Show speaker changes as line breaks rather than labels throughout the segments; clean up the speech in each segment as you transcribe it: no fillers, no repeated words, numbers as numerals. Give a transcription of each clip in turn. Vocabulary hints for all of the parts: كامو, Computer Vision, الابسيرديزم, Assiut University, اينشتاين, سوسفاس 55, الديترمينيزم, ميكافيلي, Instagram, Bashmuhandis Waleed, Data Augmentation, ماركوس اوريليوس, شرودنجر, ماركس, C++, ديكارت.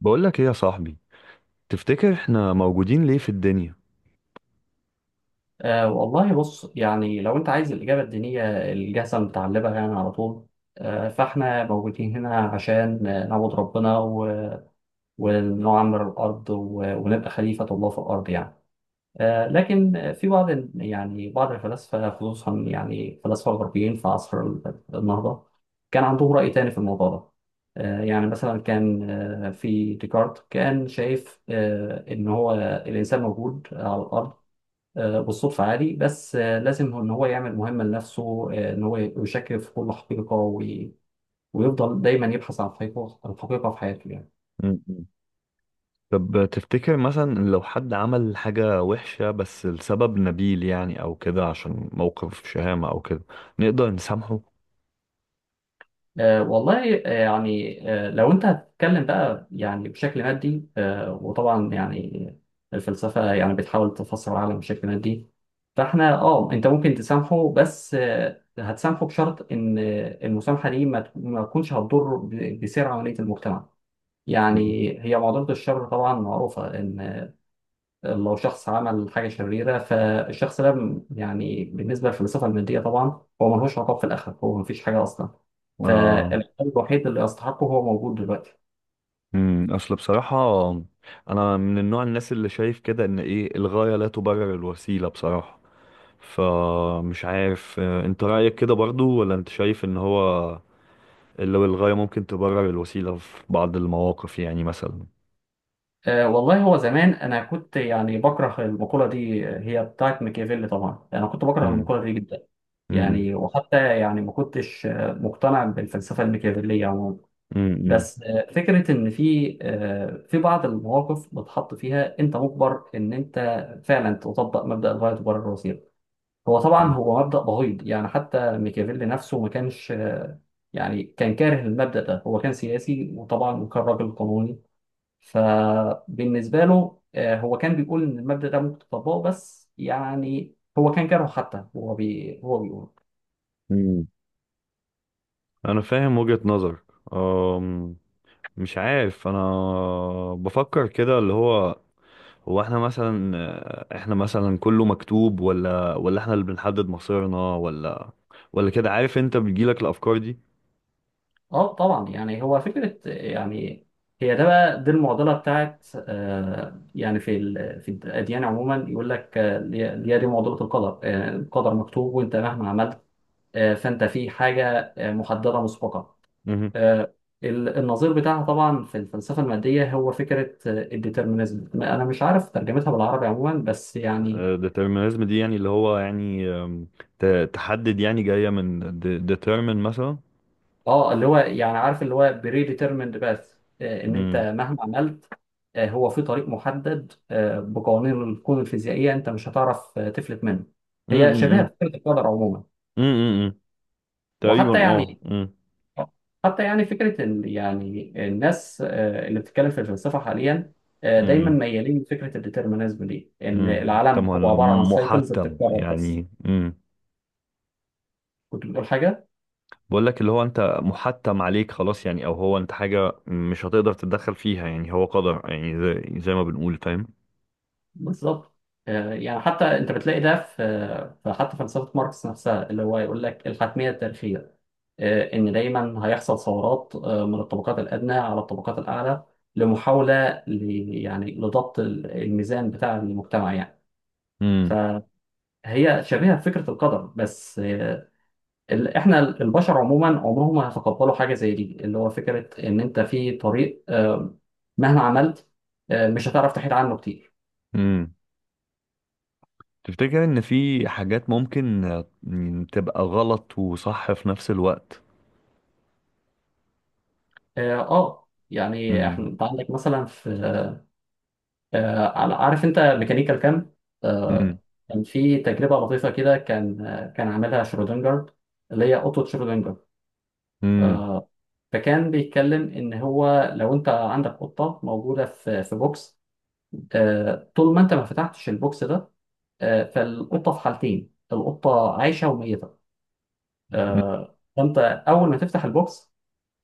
بقولك ايه يا صاحبي؟ تفتكر احنا موجودين ليه في الدنيا؟
والله بص، يعني لو أنت عايز الإجابة الدينية الجاهزة المتعلبة يعني على طول. فإحنا موجودين هنا عشان نعبد ربنا و- ونعمر الأرض و- ونبقى خليفة الله في الأرض يعني. أه لكن في بعض يعني بعض الفلاسفة، خصوصا يعني الفلاسفة الغربيين في عصر النهضة، كان عندهم رأي تاني في الموضوع ده. يعني مثلا كان، في ديكارت، كان شايف إن هو الإنسان موجود على الأرض بالصدفة عادي، بس لازم إن هو يعمل مهمة لنفسه، إن هو يشكك في كل حقيقة وي- ويفضل دايما يبحث عن الحقيقة، الحقيقة في حياته يعني.
م- م. طب تفتكر مثلا لو حد عمل حاجة وحشة بس لسبب نبيل يعني او كده، عشان موقف شهامة او كده، نقدر نسامحه؟
والله يعني، لو أنت هتتكلم بقى يعني بشكل مادي، وطبعا يعني الفلسفة يعني بتحاول تفسر العالم بشكل مادي. فاحنا اه انت ممكن تسامحه، بس هتسامحه بشرط ان المسامحة دي ما تكونش هتضر ب- بسير عملية المجتمع
مم.
يعني. هي معضلة الشر طبعا معروفة، إن لو شخص عمل حاجة شريرة فالشخص ده يعني بالنسبة للفلسفة المادية طبعا هو ملهوش عقاب في الآخرة، هو مفيش حاجة أصلا.
آه.
فالعقاب الوحيد اللي يستحقه هو موجود دلوقتي.
مم. اصل بصراحة انا من النوع الناس اللي شايف كده ان ايه، الغاية لا تبرر الوسيلة بصراحة. فمش عارف، انت رأيك كده برضو، ولا انت شايف ان هو لو الغاية ممكن تبرر الوسيلة في بعض المواقف يعني مثلا.
أه والله، هو زمان أنا كنت يعني بكره المقولة دي، هي بتاعت ميكافيلي طبعا، أنا كنت بكره المقولة دي جدا
امم.
يعني، وحتى يعني ما كنتش مقتنع بالفلسفة الميكافيلية.
امم.
بس فكرة إن في في بعض المواقف بتحط فيها أنت مجبر إن أنت فعلا تطبق مبدأ الغاية تبرر الوسيلة. هو طبعا هو مبدأ بغيض، يعني حتى ميكافيلي نفسه ما كانش، يعني كان كاره المبدأ ده. هو كان سياسي وطبعا وكان راجل قانوني، فبالنسبة له هو كان بيقول إن المبدأ ده ممكن تطبقه، بس يعني هو كان كاره، حتى هو بي هو بيقول.
امم. انا فاهم وجهة نظرك. أم، مش عارف انا، بفكر كده اللي هو هو احنا مثلا، احنا مثلا كله مكتوب ولا احنا اللي بنحدد مصيرنا، ولا كده، عارف انت بتجيلك الافكار دي.
اه طبعا يعني، هو فكره يعني، هي ده بقى دي المعضله بتاعت يعني في في الاديان عموما يقول لك، اللي هي دي معضله القدر. القدر مكتوب وانت مهما عملت، فانت في حاجه محدده مسبقا.
امم.
آه، النظير بتاعها طبعا في الفلسفه الماديه هو فكره الديترمينيزم، انا مش عارف ترجمتها بالعربي عموما، بس يعني
ديترمينيزم دي يعني اللي هو يعني، تحدد يعني، جاية من ديترمين مثلا.
اه اللي هو يعني، عارف، اللي هو بري ديترميند باث، ان انت
امم.
مهما عملت هو في طريق محدد بقوانين الكون الفيزيائيه، انت مش هتعرف تفلت منه. هي شبيهه
امم.
بفكره القدر عموما.
امم. امم.
وحتى
تقريبا اه.
يعني حتى يعني فكره يعني الناس اللي بتتكلم في الفلسفه حاليا، دايما
امم.
ميالين لفكره الديترمينيزم دي، ان
امم. طب
العالم هو
ولا
عباره عن سايكلز
محتم
بتتكرر بس.
يعني؟ امم.
كنت بتقول حاجه.
بقول لك اللي هو، انت محتم عليك خلاص يعني، او هو انت حاجه مش هتقدر تتدخل فيها يعني، هو قدر يعني، زي ما بنقول، فاهم.
بالظبط، يعني حتى انت بتلاقي ده في حتى فلسفه ماركس نفسها، اللي هو يقول لك الحتميه التاريخيه، ان دايما هيحصل ثورات من الطبقات الادنى على الطبقات الاعلى، يعني لضبط الميزان بتاع المجتمع يعني.
امم.
فهي شبيهه بفكره القدر، بس احنا البشر عموما عمرهم ما هيتقبلوا حاجه زي دي، اللي هو فكره ان انت في طريق مهما عملت مش هتعرف تحيد عنه كتير.
امم. تفتكر ان في حاجات ممكن، تبقى غلط وصح في نفس الوقت؟
اه يعني احنا،
امم.
انت عندك مثلا في عارف انت ميكانيكال كام،
امم.
آه، كان في تجربه لطيفه كده، كان كان عاملها شرودنجر، اللي هي قطه شرودنجر.
امم.
فكان بيتكلم ان هو لو انت عندك قطه موجوده في بوكس، آه طول ما انت ما فتحتش البوكس ده، آه فالقطه في حالتين، القطه عايشه وميته، آه فانت اول ما تفتح البوكس،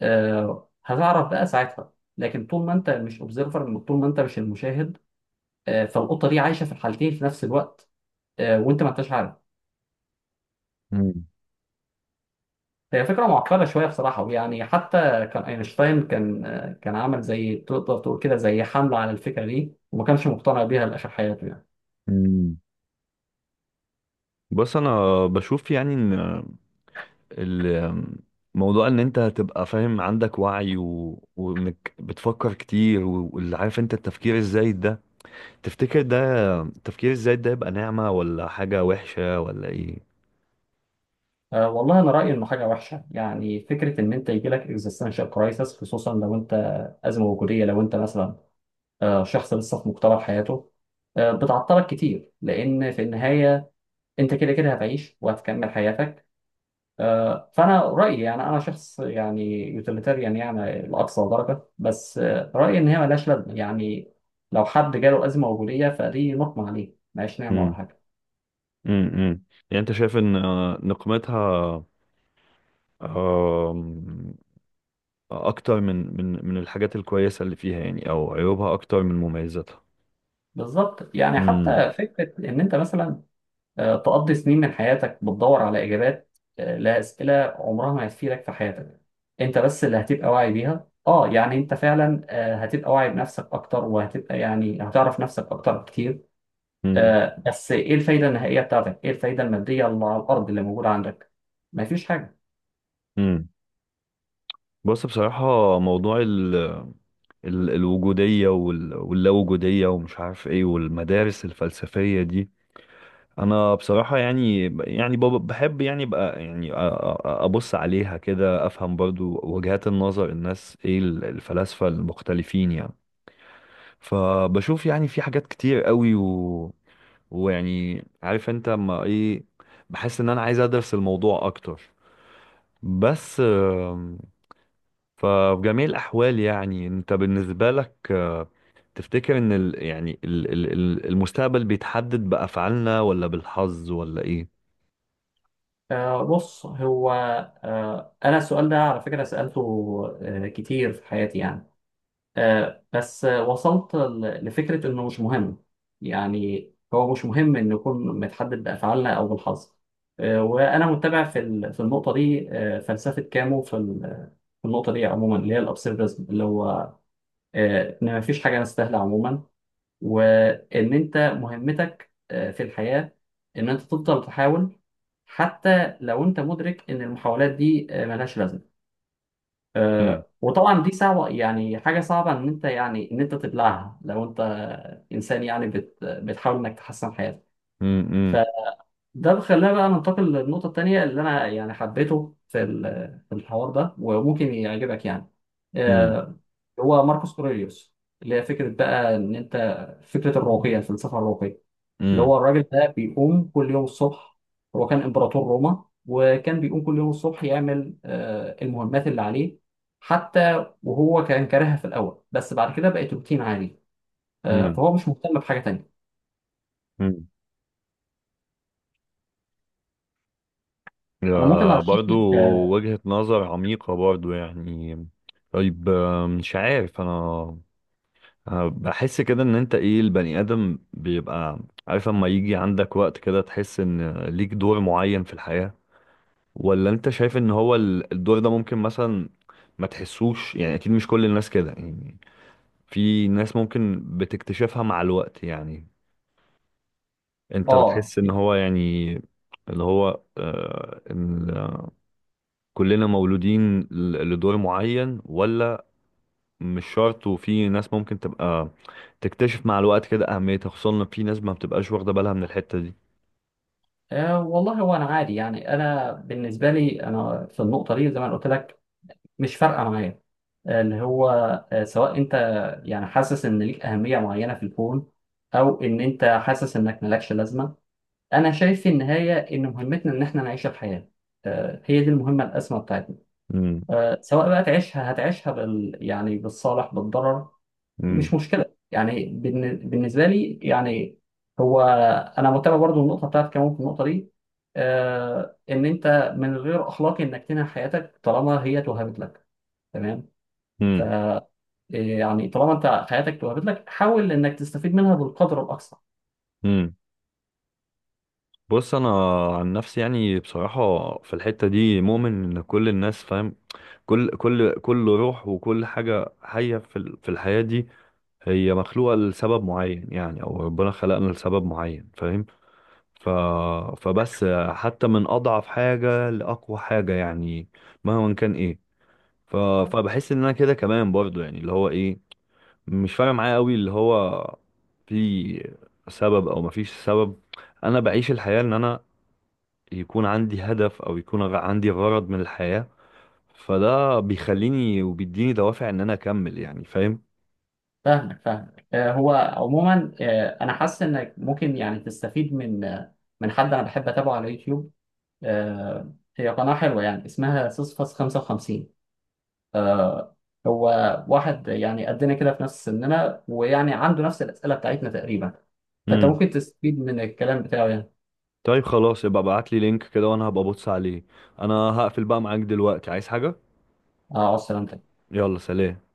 آه هتعرف بقى ساعتها، لكن طول ما انت مش اوبزرفر، طول ما انت مش المشاهد، فالقطه دي عايشه في الحالتين في نفس الوقت، وانت ما انتش عارف. هي فكره معقده شويه بصراحه، يعني حتى كان اينشتاين كان، كان عمل زي تقدر تقول كده زي حمله على الفكره دي، وما كانش مقتنع بيها لآخر حياته يعني.
امم. بص انا بشوف يعني ان الموضوع ان انت هتبقى فاهم، عندك وعي، وانك بتفكر كتير، واللي، عارف انت، التفكير الزايد ده، تفتكر ده التفكير الزايد ده يبقى نعمة ولا حاجة وحشة ولا ايه؟
والله انا رايي انه حاجه وحشه، يعني فكره ان انت يجي لك اكزيستنشال كرايسس، خصوصا لو انت، ازمه وجوديه، لو انت مثلا شخص لسه في مقتبل حياته، بتعطلك كتير، لان في النهايه انت كده كده هتعيش وهتكمل حياتك. فانا رايي يعني، انا شخص يعني يوتيليتاريان يعني لاقصى درجه، بس رايي ان هي ملهاش لازمه يعني. لو حد جاله ازمه وجوديه فدي نقمه عليه، ملهاش نعمه ولا
امم.
حاجه.
امم. يعني انت شايف ان، نقمتها، آم، اكتر من الحاجات الكويسة اللي فيها يعني، او عيوبها اكتر من مميزاتها.
بالظبط، يعني
امم.
حتى فكره ان انت مثلا تقضي سنين من حياتك بتدور على اجابات لاسئله عمرها ما هتفيدك في حياتك. انت بس اللي هتبقى واعي بيها، اه يعني انت فعلا هتبقى واعي بنفسك اكتر، وهتبقى يعني هتعرف نفسك اكتر بكتير. آه بس ايه الفايده النهائيه بتاعتك؟ ايه الفايده الماديه اللي على الارض اللي موجوده عندك؟ مفيش حاجه.
امم. بص، بصراحة موضوع ال الوجودية واللاوجودية ومش عارف ايه، والمدارس الفلسفية دي، انا بصراحة يعني، يعني بحب يعني بقى يعني ابص عليها كده، افهم برضو وجهات النظر الناس ايه، الفلاسفة المختلفين يعني. فبشوف يعني في حاجات كتير قوي، ويعني عارف انت ما ايه، بحس ان انا عايز ادرس الموضوع اكتر، بس آمم. ففي جميع الأحوال يعني، أنت بالنسبة لك، تفتكر إن ال يعني المستقبل بيتحدد بأفعالنا ولا بالحظ ولا إيه؟
آه بص هو، آه انا السؤال ده على فكره سالته آه كتير في حياتي يعني، آه بس آه وصلت لفكره انه مش مهم. يعني هو مش مهم ان نكون متحدد بافعالنا او بالحظ. آه وانا متبع في في النقطه دي آه فلسفه كامو في في النقطه دي عموما، اللي هي الابسيرديزم، اللي هو آه ان مفيش حاجه نستاهلها عموما، وان انت مهمتك في الحياة ان انت تفضل تحاول، حتى لو انت مدرك ان المحاولات دي ملهاش لازمة.
مم.
وطبعا دي صعبة، يعني حاجة صعبة ان انت يعني ان انت تبلعها، لو انت انسان يعني بتحاول انك تحسن حياتك.
مم. مم.
فده بيخلينا بقى ننتقل للنقطة التانية، اللي انا يعني حبيته في في الحوار ده، وممكن يعجبك يعني. آه، هو ماركوس اوريليوس، اللي هي فكرة بقى ان انت، فكرة الرقي، الفلسفة الرقية، اللي
مم.
هو الراجل ده بيقوم كل يوم الصبح، هو كان إمبراطور روما وكان بيقوم كل يوم الصبح يعمل المهمات اللي عليه، حتى وهو كان كارهها في الأول، بس بعد كده بقت روتين عادي،
مم.
فهو مش مهتم بحاجة تانية.
مم.
أنا ممكن
آه،
أرشح
برضو
لك،
وجهة نظر عميقة برضو يعني. طيب، مش عارف أنا، بحس كده إن أنت إيه، البني آدم بيبقى عارف، أما يجي عندك وقت كده تحس إن ليك دور معين في الحياة، ولا انت شايف ان هو الدور ده ممكن مثلا ما تحسوش يعني؟ اكيد مش كل الناس كده يعني، في ناس ممكن بتكتشفها مع الوقت يعني. انت
آه،
بتحس ان هو يعني اللي هو، إن كلنا مولودين لدور معين، ولا مش شرط، وفي ناس ممكن تبقى تكتشف مع الوقت كده اهميتها، خصوصا ان في ناس ما بتبقاش واخدة بالها من الحتة دي؟
والله هو أنا عادي يعني، أنا بالنسبة لي أنا في النقطة دي زي ما أنا قلت لك مش فارقة معايا. اللي هو سواء أنت يعني حاسس إن ليك أهمية معينة في الكون، أو إن أنت حاسس إنك مالكش لازمة. انا شايف في النهايه ان مهمتنا ان احنا نعيش الحياه، هي دي المهمه الاسمى بتاعتنا.
امم.
سواء بقى تعيشها، هتعيشها بال يعني بالصالح بالضرر،
امم.
مش مشكله يعني. بالنسبه لي يعني، هو انا متابع برضو النقطه بتاعت كمان في النقطه دي ان انت من غير اخلاقي انك تنهي حياتك طالما هي توهبت لك، تمام؟ ف يعني طالما انت حياتك توهبت لك، حاول انك تستفيد منها بالقدر الاقصى.
امم. بص انا عن نفسي يعني، بصراحه في الحته دي مؤمن ان كل الناس، فاهم، كل كل روح وكل حاجه حيه في في الحياه دي هي مخلوقه لسبب معين يعني، او ربنا خلقنا لسبب معين، فاهم. ف فبس حتى من اضعف حاجه لاقوى حاجه يعني، مهما كان ايه. ف فبحس ان انا كده كمان برضو يعني اللي هو ايه، مش فارق معايا قوي اللي هو، في سبب او مفيش سبب. انا بعيش الحياه ان انا يكون عندي هدف، او يكون عندي غرض من الحياة، فده بيخليني وبيديني دوافع ان انا اكمل يعني، فاهم.
فاهمك. هو عموما انا حاسس انك ممكن يعني تستفيد من من حد انا بحب اتابعه على يوتيوب. هي قناة حلوة يعني، اسمها سوسفاس 55. هو واحد يعني قدنا كده في نفس سننا، ويعني عنده نفس الأسئلة بتاعتنا تقريبا. فانت
امم.
ممكن تستفيد من الكلام بتاعه يعني.
طيب خلاص، يبقى ابعت لي لينك كده وانا هبقى ابص عليه. انا هقفل بقى معاك دلوقتي، عايز حاجة؟
اه، على السلامة.
يلا سلام.